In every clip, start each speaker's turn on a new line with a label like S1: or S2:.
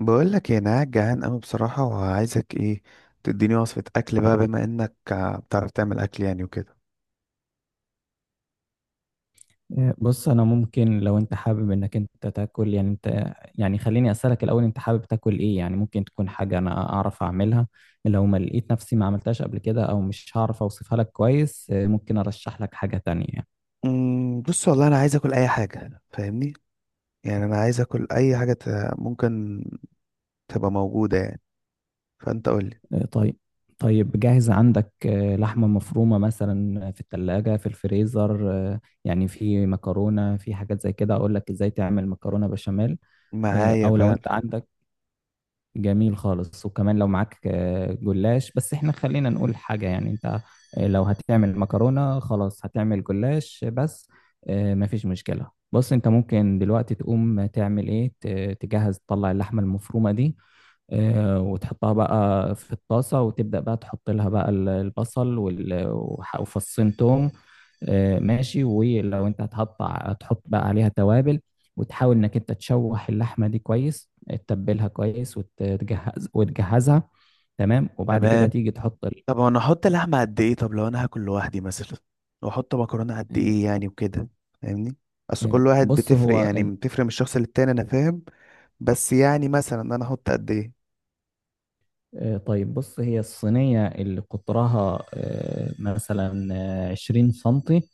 S1: بقول لك انا قاعد جعان قوي بصراحة، وعايزك ايه تديني وصفة اكل بقى، بما انك بتعرف تعمل اكل يعني وكده.
S2: بص انا ممكن لو انت حابب انك انت تاكل يعني، انت يعني خليني اسالك الاول، انت حابب تاكل ايه يعني؟ ممكن تكون حاجه انا اعرف اعملها. لو ما لقيت نفسي ما عملتهاش قبل كده او مش هعرف اوصفها لك كويس، ممكن ارشح لك حاجه تانية يعني.
S1: بص والله انا عايز اكل اي حاجة، فاهمني؟ يعني انا عايز اكل اي حاجة ممكن تبقى موجودة يعني، فانت قول لي.
S2: طيب. طيب جاهز عندك لحمه مفرومه مثلا في الثلاجه، في الفريزر، يعني في مكرونه، في حاجات زي كده. اقول لك ازاي تعمل مكرونه بشاميل.
S1: معايا
S2: او لو انت
S1: فعلا.
S2: عندك، جميل خالص. وكمان لو معاك جلاش، بس احنا خلينا نقول حاجة يعني انت. لو هتعمل مكرونة خلاص هتعمل جلاش بس. مفيش مشكلة. بص، انت ممكن دلوقتي تقوم تعمل ايه، تجهز تطلع اللحمة المفرومة دي، وتحطها بقى في الطاسة، وتبدأ بقى تحط لها بقى البصل وفصين توم. ماشي. ولو انت هتحط بقى عليها توابل، وتحاول انك انت تشوح اللحمة دي كويس، تتبلها كويس وتجهزها. تمام. وبعد كده
S1: تمام.
S2: تيجي تحط ال-
S1: طب انا احط لحمة قد ايه؟ طب لو انا هاكل لوحدي مثلا، واحط مكرونة قد
S2: آه،
S1: ايه يعني وكده، فاهمني؟ اصل
S2: آه،
S1: كل واحد
S2: بص
S1: بتفرق،
S2: هو
S1: يعني
S2: ال-
S1: بتفرق من الشخص للتاني، انا فاهم. بس يعني مثلا انا احط قد ايه؟
S2: آه، طيب. بص، هي الصينية اللي قطرها مثلا عشرين سنتي،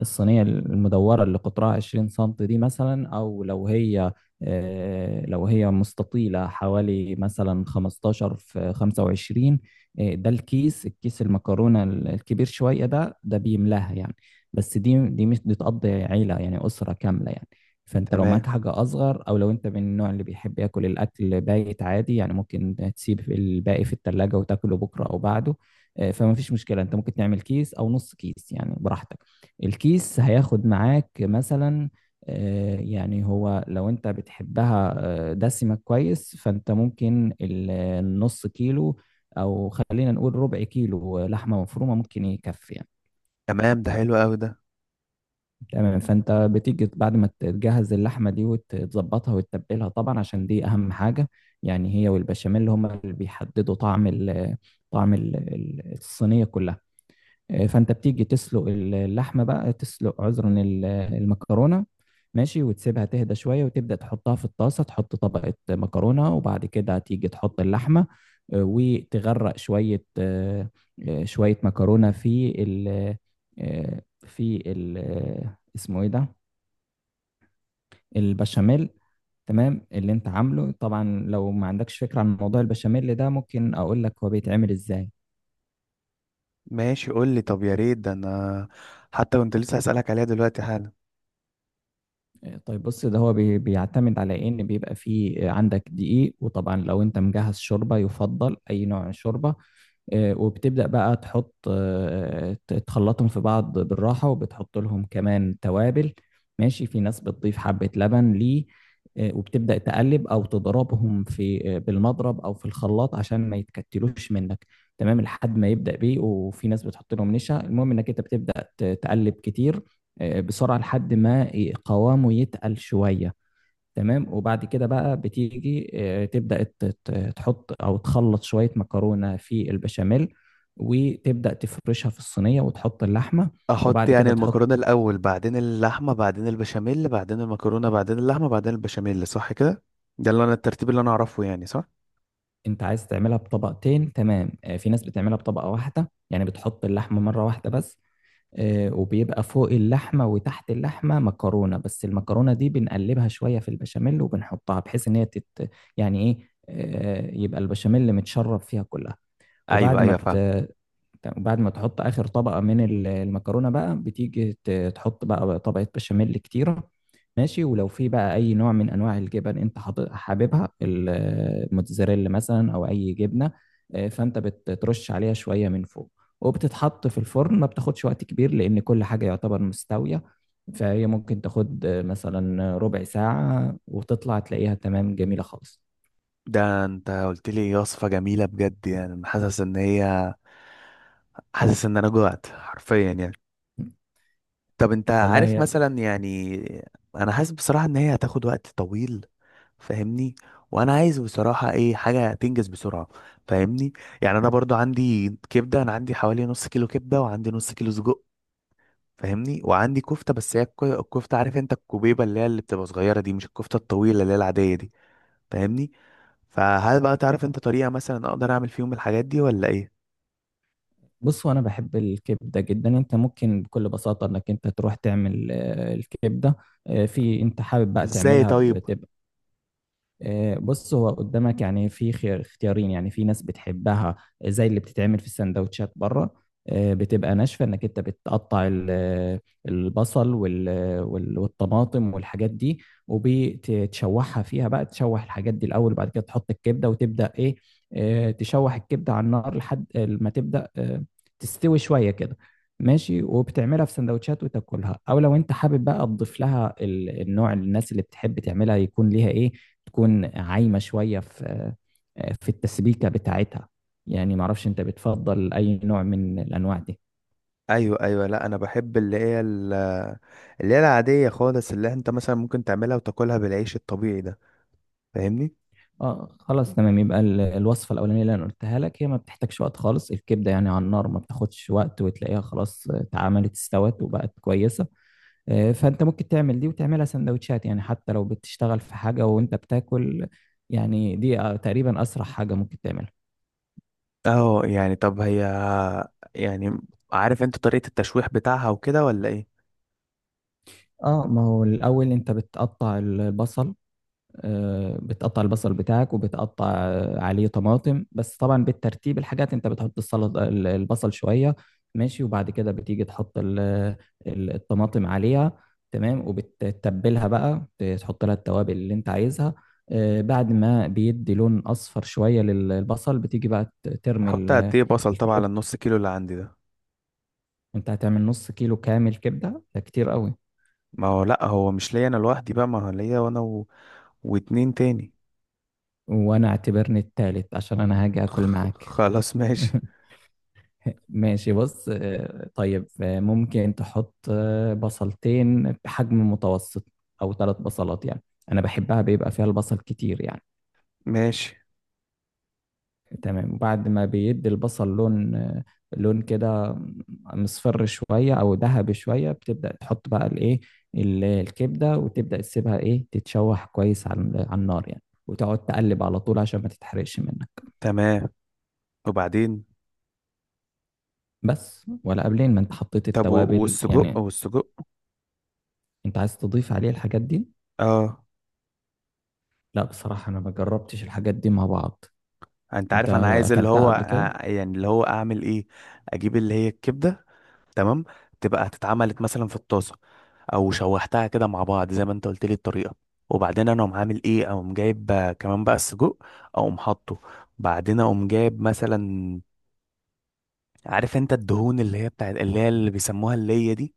S2: الصينية المدورة اللي قطرها 20 سنتي دي مثلا، أو لو هي مستطيلة حوالي مثلا 15 في 25. ده الكيس، الكيس المكرونة الكبير شوية ده بيملاها يعني. بس دي مش بتقضي عيلة يعني، أسرة كاملة يعني. فأنت لو
S1: تمام.
S2: معاك حاجة أصغر، أو لو أنت من النوع اللي بيحب ياكل الأكل بايت عادي يعني، ممكن تسيب الباقي في التلاجة وتاكله بكرة أو بعده. فما فيش مشكلة. أنت ممكن تعمل كيس أو نص كيس يعني براحتك. الكيس هياخد معاك مثلا يعني، هو لو انت بتحبها دسمة كويس، فانت ممكن النص كيلو، او خلينا نقول ربع كيلو لحمة مفرومة، ممكن يكفي يعني.
S1: تمام ده حلو قوي ده.
S2: تمام. فانت بتيجي بعد ما تجهز اللحمة دي وتظبطها وتتبلها طبعا، عشان دي اهم حاجة. يعني هي والبشاميل هما اللي بيحددوا طعم ال، طعم الصينية كلها. فانت بتيجي تسلق اللحمه، بقى تسلق، عذرا، المكرونه. ماشي. وتسيبها تهدى شويه، وتبدا تحطها في الطاسه، تحط طبقه مكرونه، وبعد كده تيجي تحط اللحمه. وتغرق شويه شويه مكرونه في ال، آه، في ال، اسمه ايه ده؟ البشاميل. تمام، اللي انت عامله طبعا. لو ما عندكش فكره عن موضوع البشاميل ده ممكن اقول لك هو بيتعمل ازاي.
S1: ماشي قول لي، طب يا ريت ده، انا حتى كنت لسه هسألك عليها دلوقتي حالا.
S2: طيب بص، ده هو بيعتمد على ان بيبقى فيه عندك دقيق، وطبعا لو انت مجهز شوربه يفضل، اي نوع من الشوربه. وبتبدأ بقى تحط تخلطهم في بعض بالراحة، وبتحط لهم كمان توابل. ماشي. في ناس بتضيف حبة لبن ليه. وبتبدأ تقلب أو تضربهم في، بالمضرب أو في الخلاط، عشان ما يتكتلوش منك. تمام، لحد ما يبدأ بيه. وفي ناس بتحط لهم نشا. المهم إنك أنت بتبدأ تقلب كتير، بسرعة، لحد ما قوامه يتقل شوية. تمام. وبعد كده بقى بتيجي تبدأ تحط أو تخلط شوية مكرونة في البشاميل، وتبدأ تفرشها في الصينية وتحط اللحمة
S1: احط
S2: وبعد
S1: يعني
S2: كده تحط.
S1: المكرونة الاول، بعدين اللحمة، بعدين البشاميل، بعدين المكرونة، بعدين اللحمة، بعدين البشاميل، صح كده؟ ده اللي انا الترتيب اللي انا اعرفه يعني، صح؟
S2: أنت عايز تعملها بطبقتين. تمام. في ناس بتعملها بطبقة واحدة يعني، بتحط اللحمة مرة واحدة بس. وبيبقى فوق اللحمة وتحت اللحمة مكرونة، بس المكرونة دي بنقلبها شوية في البشاميل وبنحطها، بحيث إن هي تت، يعني إيه، يبقى البشاميل متشرب فيها كلها.
S1: ايوه
S2: وبعد ما
S1: ايوه
S2: بت...
S1: فاهم.
S2: تمام. بعد ما تحط اخر طبقه من المكرونه بقى، بتيجي تحط بقى طبقه بشاميل كتيره. ماشي. ولو في بقى اي نوع من انواع الجبن انت حاببها، الموتزاريلا مثلا او اي جبنه، فانت بترش عليها شويه من فوق، وبتتحط في الفرن. ما بتاخدش وقت كبير، لان كل حاجه يعتبر مستويه. فهي ممكن تاخد مثلا ربع ساعه، وتطلع تلاقيها تمام، جميله خالص.
S1: ده انت قلت لي وصفة جميلة بجد، يعني أنا حاسس ان هي، حاسس ان انا جوعت حرفيا يعني. طب انت عارف
S2: والله.
S1: مثلا يعني، انا حاسس بصراحة ان هي هتاخد وقت طويل، فاهمني؟ وانا عايز بصراحه ايه، حاجه تنجز بسرعه، فاهمني؟ يعني انا برضو عندي كبده، انا عندي حوالي نص كيلو كبده، وعندي نص كيلو سجق، فاهمني؟ وعندي كفته، بس هي الكفته، عارف انت الكوبيبه اللي هي اللي بتبقى صغيره دي، مش الكفته الطويله اللي هي العاديه دي، فاهمني؟ فهل بقى تعرف
S2: هي،
S1: انت طريقه مثلا اقدر اعمل فيهم الحاجات دي ولا ايه؟
S2: بصوا، انا بحب الكبده جدا. انت ممكن بكل بساطه انك انت تروح تعمل الكبده. في، انت حابب بقى
S1: ازاي
S2: تعملها.
S1: طيب؟
S2: بص، هو قدامك يعني في خيار، اختيارين يعني. في ناس بتحبها زي اللي بتتعمل في السندوتشات بره. بتبقى ناشفة، انك انت بتقطع البصل والطماطم والحاجات دي، وبتشوحها فيها بقى، تشوح الحاجات دي الاول، وبعد كده تحط الكبدة وتبدأ ايه، تشوح الكبدة على النار لحد ما تبدأ تستوي شوية كده. ماشي. وبتعملها في سندوتشات وتاكلها، او لو انت حابب بقى تضيف لها النوع، الناس اللي بتحب تعملها يكون ليها ايه، تكون عايمة شوية في، في التسبيكة بتاعتها. يعني معرفش انت بتفضل اي نوع من الانواع دي.
S1: ايوه ايوه، لا انا بحب اللي هي اللي هي العاديه خالص، اللي انت مثلا ممكن تعملها وتاكلها بالعيش الطبيعي ده، فاهمني؟
S2: اه، خلاص تمام. يبقى الوصفة الاولانية اللي انا قلتها لك، هي ما بتحتاجش وقت خالص. الكبدة يعني على النار ما بتاخدش وقت، وتلاقيها خلاص اتعملت، استوت وبقت كويسة. فانت ممكن تعمل دي وتعملها سندوتشات، يعني حتى لو بتشتغل في حاجة وانت بتاكل. يعني دي تقريبا اسرع حاجة ممكن تعملها.
S1: اه يعني طب هي، يعني عارف انت طريقة التشويح بتاعها وكده ولا ايه؟
S2: اه، ما هو الاول انت بتقطع البصل. بتقطع البصل بتاعك، وبتقطع عليه طماطم، بس طبعا بالترتيب الحاجات، انت بتحط السلطه، البصل شويه. ماشي. وبعد كده بتيجي تحط الطماطم عليها. تمام. وبتتبلها بقى، تحط لها التوابل اللي انت عايزها. بعد ما بيدي لون اصفر شويه للبصل، بتيجي بقى ترمي
S1: احط قد ايه بصل طبعا على
S2: الكبده.
S1: النص كيلو اللي عندي ده؟
S2: انت هتعمل نص كيلو كامل كبده؟ ده كتير قوي.
S1: ما هو لا، هو مش ليا انا لوحدي بقى، ما هو ليا وانا و... واتنين تاني.
S2: وانا اعتبرني التالت عشان انا هاجي اكل
S1: خ-
S2: معاك.
S1: خلاص ماشي.
S2: ماشي. بص، طيب. ممكن تحط بصلتين بحجم متوسط، او ثلاث بصلات يعني. انا بحبها بيبقى فيها البصل كتير يعني.
S1: ماشي
S2: تمام. وبعد ما بيدي البصل لون، لون كده مصفر شوية او ذهبي شوية، بتبدأ تحط بقى الايه، الكبدة، وتبدأ تسيبها ايه، تتشوح كويس على النار يعني، وتقعد تقلب على طول عشان ما تتحرقش منك.
S1: تمام. وبعدين؟
S2: بس ولا قبلين ما انت حطيت
S1: طب
S2: التوابل
S1: والسجق،
S2: يعني.
S1: والسجق
S2: انت عايز تضيف عليه الحاجات دي؟
S1: اه.
S2: لا، بصراحة أنا ما جربتش الحاجات دي مع بعض.
S1: انت
S2: أنت
S1: عارف انا عايز اللي
S2: أكلتها
S1: هو
S2: قبل كده؟
S1: يعني اللي هو اعمل ايه، اجيب اللي هي الكبدة، تمام، تبقى اتعملت مثلا في الطاسه، او شوحتها كده مع بعض زي ما انت قلت لي الطريقه، وبعدين انا اقوم عامل ايه، اقوم جايب كمان بقى السجق، اقوم حاطه، بعدين اقوم جايب مثلا، عارف انت الدهون اللي هي بتاعت اللي هي اللي بيسموها اللية دي،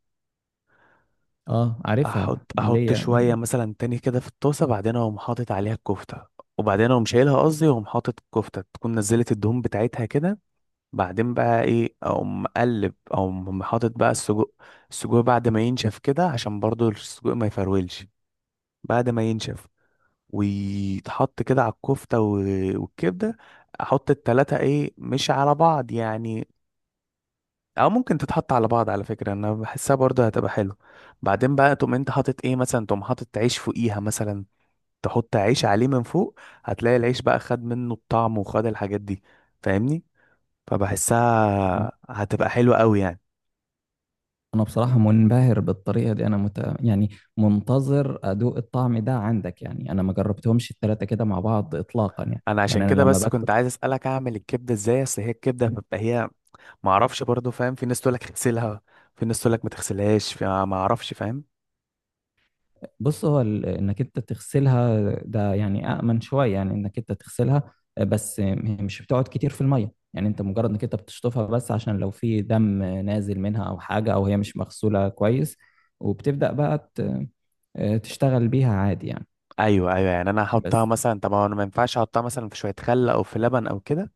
S2: أه عارفها،
S1: احط
S2: اللي
S1: احط
S2: هي
S1: شويه مثلا تاني كده في الطاسه، بعدين اقوم حاطط عليها الكفته، وبعدين اقوم شايلها قصدي، واقوم حاطط الكفته تكون نزلت الدهون بتاعتها كده، بعدين بقى ايه، اقوم مقلب او حاطط بقى السجق، السجق بعد ما ينشف كده عشان برضو السجق ما يفرولش، بعد ما ينشف ويتحط كده على الكفتة والكبدة. احط التلاتة ايه، مش على بعض يعني، او ممكن تتحط على بعض، على فكرة انا بحسها برضو هتبقى حلو. بعدين بقى تقوم انت حاطط ايه مثلا، تقوم حاطط عيش فوقيها مثلا، تحط عيش عليه من فوق، هتلاقي العيش بقى خد منه الطعم وخد الحاجات دي، فاهمني؟
S2: أنا
S1: فبحسها هتبقى حلوة قوي يعني.
S2: أنا بصراحة منبهر بالطريقة دي. أنا يعني منتظر أدوق الطعم ده عندك يعني. أنا ما جربتهمش التلاتة كده مع بعض إطلاقا يعني.
S1: انا عشان
S2: يعني أنا
S1: كده
S2: لما
S1: بس
S2: باكل،
S1: كنت عايز اسالك اعمل الكبده ازاي، اصل هي الكبده بتبقى هي، ما اعرفش برضه، فاهم؟ في ناس تقول لك اغسلها، في ناس تقول لك ما تغسلهاش، ما اعرفش، فاهم؟
S2: بص هو انك انت تغسلها، ده يعني امن شويه. يعني انك انت تغسلها، بس هي مش بتقعد كتير في الميه يعني. انت مجرد انك انت بتشطفها بس، عشان لو في دم نازل منها او حاجه، او هي مش مغسوله كويس، وبتبدا بقى تشتغل بيها عادي يعني.
S1: ايوه ايوه، يعني انا احطها
S2: بس
S1: مثلا، طب انا ما ينفعش احطها مثلا في شويه خل او في لبن او كده؟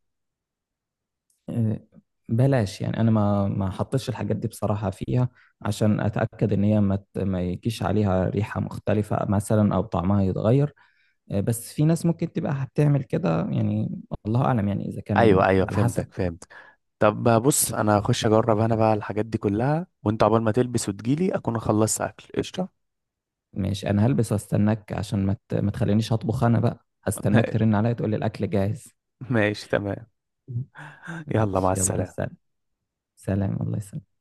S2: آه، بلاش يعني. انا ما حطيتش الحاجات دي بصراحه فيها، عشان اتاكد ان هي ما يجيش عليها ريحه مختلفه مثلا او طعمها يتغير. بس في ناس ممكن تبقى هتعمل كده يعني. الله اعلم يعني، اذا كان
S1: ايوه ايوه
S2: على حسب.
S1: فهمتك فهمتك. طب بص انا هخش اجرب انا بقى الحاجات دي كلها، وانت عقبال ما تلبس وتجيلي اكون خلصت اكل، قشطه.
S2: ماشي. انا هلبس واستناك، عشان ما تخلينيش اطبخ. انا بقى هستناك ترن عليا تقول لي الاكل جاهز.
S1: ماشي تمام. يلا مع
S2: ماشي، يلا
S1: السلامه.
S2: سلام. سلام، الله يسلمك.